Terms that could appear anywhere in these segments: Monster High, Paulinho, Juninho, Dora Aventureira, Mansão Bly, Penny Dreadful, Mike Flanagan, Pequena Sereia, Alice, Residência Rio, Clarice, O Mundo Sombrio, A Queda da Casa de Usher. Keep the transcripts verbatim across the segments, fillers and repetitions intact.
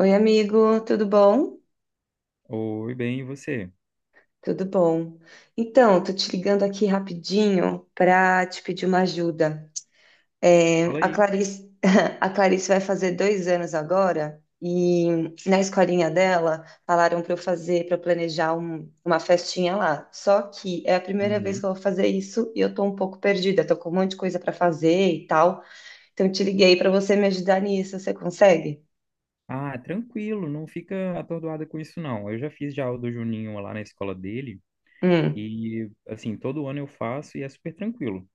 Oi, amigo, tudo bom? Oi, bem, e você? Tudo bom. Então, tô te ligando aqui rapidinho para te pedir uma ajuda. É, Fala a aí. Clarice, a Clarice vai fazer dois anos agora e na escolinha dela falaram para eu fazer, para planejar um- uma festinha lá. Só que é a primeira vez que Uhum. eu vou fazer isso e eu tô um pouco perdida, tô com um monte de coisa para fazer e tal. Então, eu te liguei para você me ajudar nisso. Você consegue? Ah, tranquilo, não fica atordoada com isso, não. Eu já fiz já o do Juninho lá na escola dele Hum, e, assim, todo ano eu faço e é super tranquilo.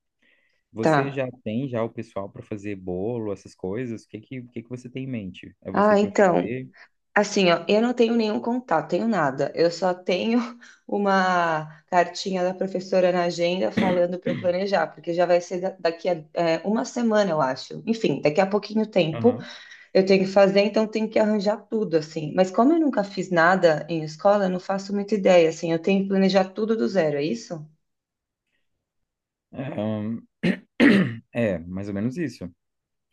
Você tá. já tem já o pessoal para fazer bolo, essas coisas? O que que, o que que você tem em mente? É você Ah, que vai então. fazer? Assim, ó, eu não tenho nenhum contato, tenho nada. Eu só tenho uma cartinha da professora na agenda falando para eu planejar, porque já vai ser da- daqui a é, uma semana, eu acho. Enfim, daqui a pouquinho tempo Aham. eu tenho que fazer, então tenho que arranjar tudo, assim. Mas como eu nunca fiz nada em escola, eu não faço muita ideia, assim. Eu tenho que planejar tudo do zero, é isso? É, ahn, é, mais ou menos isso.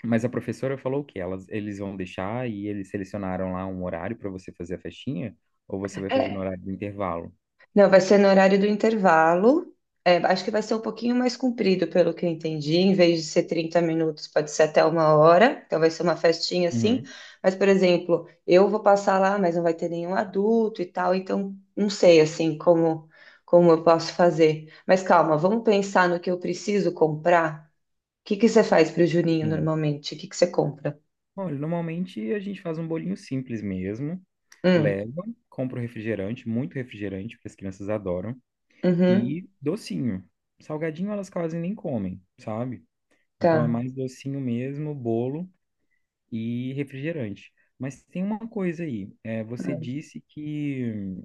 Mas a professora falou que elas, eles vão deixar e eles selecionaram lá um horário para você fazer a festinha ou você vai fazer no horário do intervalo? Não, vai ser no horário do intervalo. É, acho que vai ser um pouquinho mais comprido, pelo que eu entendi. Em vez de ser trinta minutos, pode ser até uma hora. Então vai ser uma festinha assim. Uhum. Mas, por exemplo, eu vou passar lá, mas não vai ter nenhum adulto e tal. Então, não sei assim como como eu posso fazer. Mas calma, vamos pensar no que eu preciso comprar. O que que você faz para o Juninho Sim. normalmente? O que que você compra? Olha, normalmente a gente faz um bolinho simples mesmo, Hum, leva, compra um refrigerante, muito refrigerante, porque as crianças adoram, e uhum, docinho. Salgadinho elas quase nem comem, sabe? Então é tá. mais docinho mesmo, bolo e refrigerante. Mas tem uma coisa aí, é, você disse que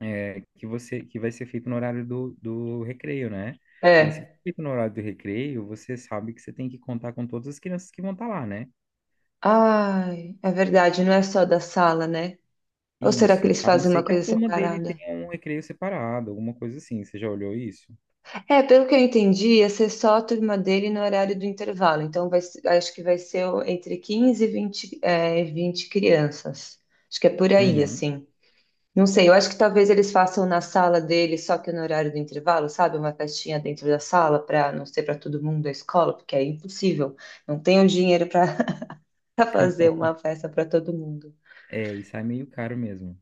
é, que você que vai ser feito no horário do, do recreio, né? Mas se É. for feito no horário do recreio, você sabe que você tem que contar com todas as crianças que vão estar lá, né? Ai, é verdade, não é só da sala, né? Ou será que Isso. eles A não fazem ser uma que a coisa turma dele separada? tenha um recreio separado, alguma coisa assim. Você já olhou isso? É, pelo que eu entendi, ia ser só a turma dele no horário do intervalo. Então, vai, ser- acho que vai ser o- entre quinze e vinte é, vinte crianças. Acho que é por aí, Uhum. assim. Não sei, eu acho que talvez eles façam na sala dele, só que no horário do intervalo, sabe? Uma festinha dentro da sala, para não ser para todo mundo da escola, porque é impossível. Não tenho dinheiro para fazer uma festa para todo mundo. É, isso é meio caro mesmo.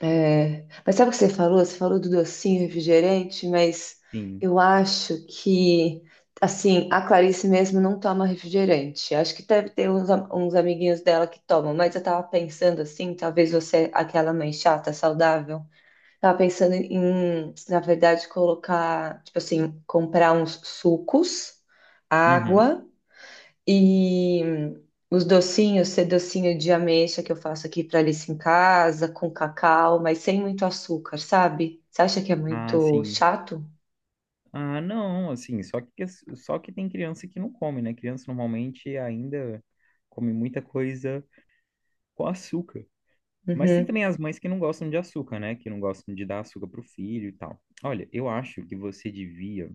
É, mas sabe o que você falou? Você falou do docinho refrigerante, mas Sim. eu acho que, assim, a Clarice mesmo não toma refrigerante. Acho que deve ter uns, am- uns amiguinhos dela que tomam, mas eu tava pensando, assim, talvez você, é aquela mãe chata, saudável, tava pensando em, na verdade, colocar, tipo assim, comprar uns sucos, Uhum. água. E os docinhos, ser docinho de ameixa que eu faço aqui para Alice em casa, com cacau, mas sem muito açúcar, sabe? Você acha que é Ah, muito sim. chato? Ah, não, assim, só que só que tem criança que não come, né? Criança normalmente ainda come muita coisa com açúcar. Mas tem Uhum, também as mães que não gostam de açúcar, né? Que não gostam de dar açúcar pro filho e tal. Olha, eu acho que você devia,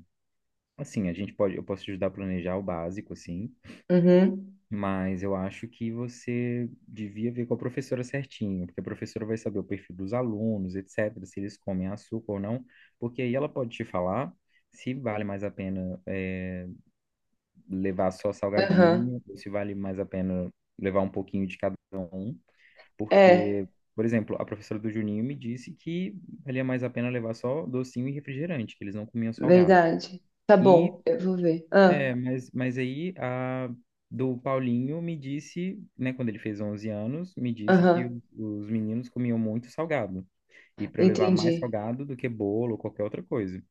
assim, a gente pode, eu posso te ajudar a planejar o básico, assim. uhum, Mas eu acho que você devia ver com a professora certinho, porque a professora vai saber o perfil dos alunos, et cetera, se eles comem açúcar ou não, porque aí ela pode te falar se vale mais a pena eh, levar só aham. salgadinho, ou se vale mais a pena levar um pouquinho de cada um, porque, É, por exemplo, a professora do Juninho me disse que valia mais a pena levar só docinho e refrigerante, que eles não comiam salgado. verdade. Tá E bom, eu vou ver. é, Ah, mas, mas aí a do Paulinho me disse, né, quando ele fez onze anos, me disse que aham, o- os meninos comiam muito salgado. E para eu levar mais entendi. salgado do que bolo ou qualquer outra coisa.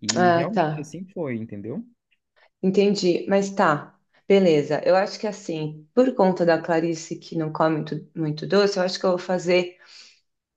E Ah, tá. realmente assim foi, entendeu? Entendi, mas tá. Beleza, eu acho que assim, por conta da Clarice que não come muito, muito doce, eu acho que eu vou fazer.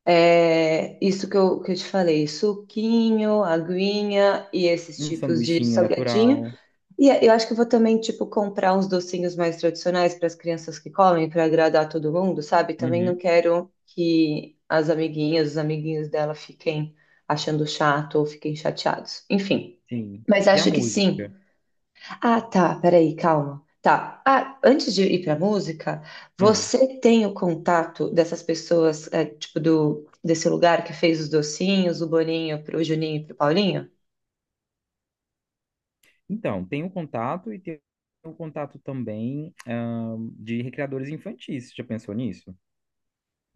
É, isso que eu, que eu te falei, suquinho, aguinha e esses Um tipos de sanduichinho salgadinho. natural. E eu acho que eu vou também, tipo, comprar uns docinhos mais tradicionais para as crianças que comem, para agradar todo mundo, sabe? Também não Uhum, quero que as amiguinhas, os amiguinhos dela fiquem achando chato ou fiquem chateados. Enfim, sim. mas E a acho que música? sim. Ah, tá. Peraí, calma. Tá. Ah, antes de ir pra música, Ah, você tem o contato dessas pessoas, é, tipo, do, desse lugar que fez os docinhos, o Boninho pro Juninho e pro Paulinho? então, tem o contato e tem o contato também, ah, de recreadores infantis. Você já pensou nisso?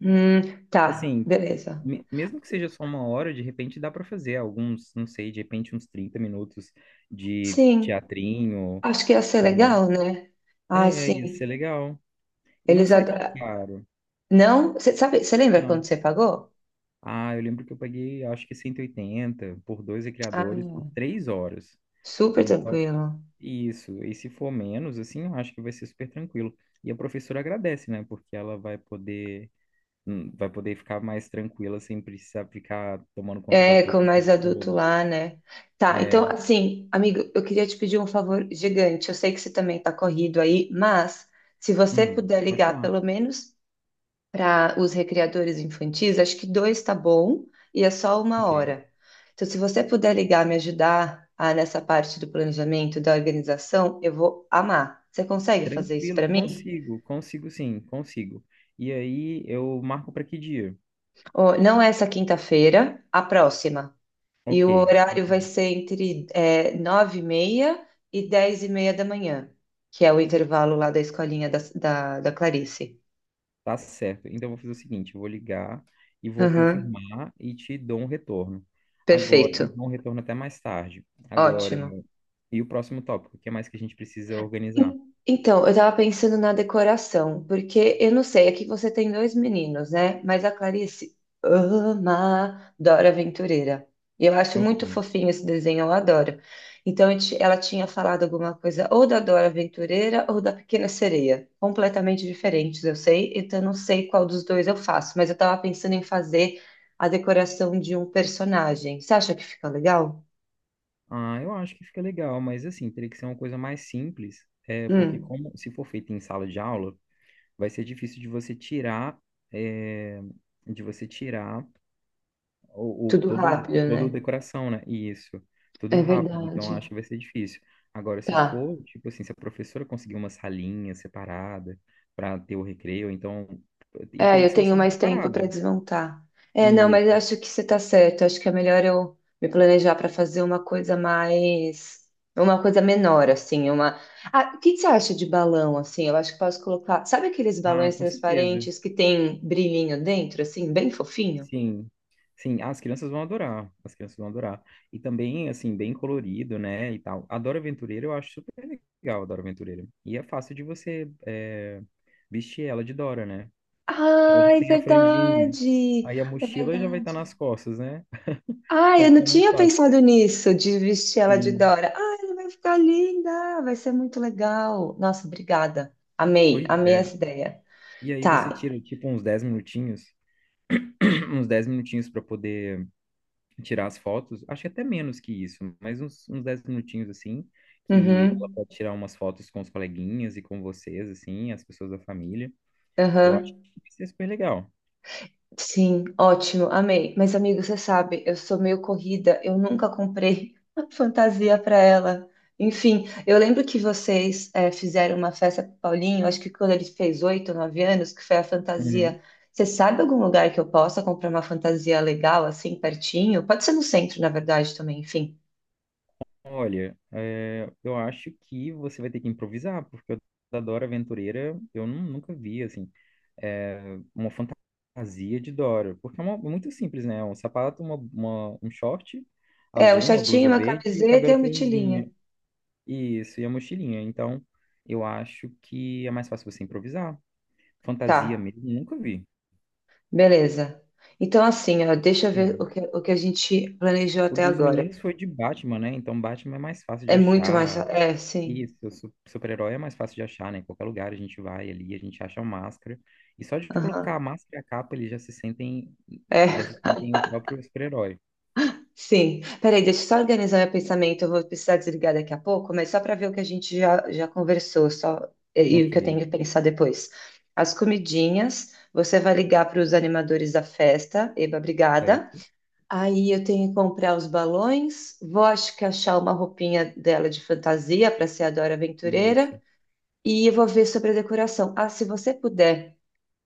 Hum, tá. Assim, Beleza. me- mesmo que seja só uma hora, de repente dá para fazer alguns, não sei, de repente uns trinta minutos de Sim. teatrinho. Acho que ia ser com- legal, né? Ah, É, ia ser sim. legal. E não Eles sai tão adoram. caro, Não? Você sabe, você lembra quando não. você pagou? Ah, eu lembro que eu paguei, acho que cento e oitenta por dois Ah, criadores por três horas. super Então, tranquilo. isso. E se for menos, assim, eu acho que vai ser super tranquilo. E a professora agradece, né? Porque ela vai poder, hum, vai poder ficar mais tranquila sem precisar ficar tomando conta da É, turma com o mais tempo adulto todo. lá, né? Tá, então, É, assim, amigo, eu queria te pedir um favor gigante. Eu sei que você também tá corrido aí, mas se você Hum, puder pode ligar falar. pelo menos para os recreadores infantis, acho que dois tá bom e é só uma Ok. hora. Então, se você puder ligar, me ajudar ah, nessa parte do planejamento, da organização, eu vou amar. Você consegue fazer isso Tranquilo, para mim? consigo, consigo sim, consigo. E aí eu marco para que dia? Ó, não é essa quinta-feira, a próxima. E Ok, o horário ok. vai ser entre é, nove e meia e meia e dez e meia da manhã, que é o intervalo lá da escolinha da, da, da Clarice. Tá certo. Então eu vou fazer o seguinte, eu vou ligar e vou Aham, confirmar e te dou um retorno. Agora, Perfeito. e dou um retorno até mais tarde. Agora, Ótimo. e o próximo tópico, o que mais que a gente precisa organizar? En- Então, eu tava pensando na decoração, porque eu não sei, aqui você tem dois meninos, né? Mas a Clarice ama Dora Aventureira. E eu acho muito Ok. fofinho esse desenho, eu adoro. Então, eu ti- ela tinha falado alguma coisa ou da Dora Aventureira ou da Pequena Sereia. Completamente diferentes, eu sei. Então, eu não sei qual dos dois eu faço, mas eu tava pensando em fazer a decoração de um personagem. Você acha que fica legal? Ah, eu acho que fica legal, mas assim, teria que ser uma coisa mais simples, é, porque Hum, como se for feito em sala de aula, vai ser difícil de você tirar, é, de você tirar o, o- tudo todo, rápido, toda a né? decoração, né? Isso, tudo É rápido. Então, eu verdade. acho que vai ser difícil. Agora, se Tá. for, tipo assim, se a professora conseguir uma salinha separada para ter o recreio, então, e É, teria eu que ser uma tenho salinha mais tempo para separada. desmontar. É, não, mas eu Isso. acho que você está certo. Acho que é melhor eu me planejar para fazer uma coisa mais, uma coisa menor, assim, uma. Ah, o que que você acha de balão, assim? Eu acho que posso colocar. Sabe aqueles Ah, balões com certeza. transparentes que tem brilhinho dentro, assim, bem fofinho? Sim, sim, ah, as crianças vão adorar, as crianças vão adorar. E também, assim, bem colorido, né, e tal. Adora Aventureira eu acho super legal, Adora Aventureira. E é fácil de você é, vestir ela de Dora, né? Porque ela já Ai, tem a franjinha, verdade! aí a É mochila já vai estar verdade. nas costas, né? Ah, Vai eu não ficar mais tinha fácil. pensado nisso, de vestir ela de Sim, Dora. Ah, ela vai ficar linda, vai ser muito legal. Nossa, obrigada. Amei, pois amei é. essa ideia. E aí você Tá. tira, tipo, uns dez minutinhos, uns dez minutinhos para poder tirar as fotos, acho que até menos que isso, mas uns, uns dez minutinhos assim, que ela Uhum, pode tirar umas fotos com os coleguinhas e com vocês, assim, as pessoas da família. Eu acho uhum. que vai ser super legal. Sim, ótimo, amei. Mas, amigo, você sabe, eu sou meio corrida, eu nunca comprei fantasia para ela. Enfim, eu lembro que vocês eh, fizeram uma festa pro Paulinho, acho que quando ele fez oito ou nove anos, que foi a Uhum. fantasia. Você sabe algum lugar que eu possa comprar uma fantasia legal, assim, pertinho? Pode ser no centro, na verdade, também, enfim. Olha, é, eu acho que você vai ter que improvisar, porque eu da Dora Aventureira eu nu- nunca vi, assim, é, uma fantasia de Dora, porque é uma- muito simples, né? Um sapato, uma, uma- um short É, um azul, uma blusa shortinho, uma verde e o camiseta e cabelo uma mochilinha. franzinho. Isso, e a mochilinha. Então, eu acho que é mais fácil você improvisar. Fantasia Tá, mesmo, nunca vi. beleza. Então, assim, ó, deixa eu ver É. o que, o que a gente planejou O até dos agora. meninos foi de Batman, né? Então, Batman é mais fácil de É muito mais. achar. É, sim. Isso, su- super-herói é mais fácil de achar, né? Em qualquer lugar a gente vai ali, a gente acha a máscara. E só de colocar Aham. a máscara e a capa, eles já se sentem, já se É, sentem o próprio super-herói. sim. Peraí, deixa eu só organizar meu pensamento. Eu vou precisar desligar daqui a pouco, mas só para ver o que a gente já, já conversou, só e, e o Ok, que eu tenho que pensar depois. As comidinhas, você vai ligar para os animadores da festa, Eba, obrigada. certo. Aí eu tenho que comprar os balões, vou acho que achar uma roupinha dela de fantasia para ser a Dora Aventureira Isso. e eu vou ver sobre a decoração. Ah, se você puder,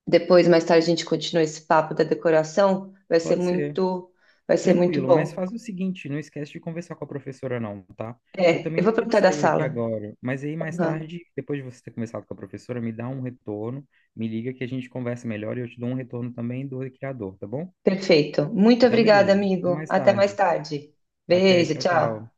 depois mais tarde a gente continua esse papo da decoração, vai ser Pode ser. muito, vai ser muito Tranquilo, mas bom. faz o seguinte, não esquece de conversar com a professora não, tá? Eu É, também eu vou vou ter que perguntar da sair aqui sala. agora, mas aí mais Uhum, tarde, depois de você ter conversado com a professora, me dá um retorno, me liga que a gente conversa melhor e eu te dou um retorno também do criador, tá bom? Perfeito. Muito Então, obrigada, beleza. Até amigo. mais Até mais tarde. tarde. Até, Beijo, tchau, tchau. tchau.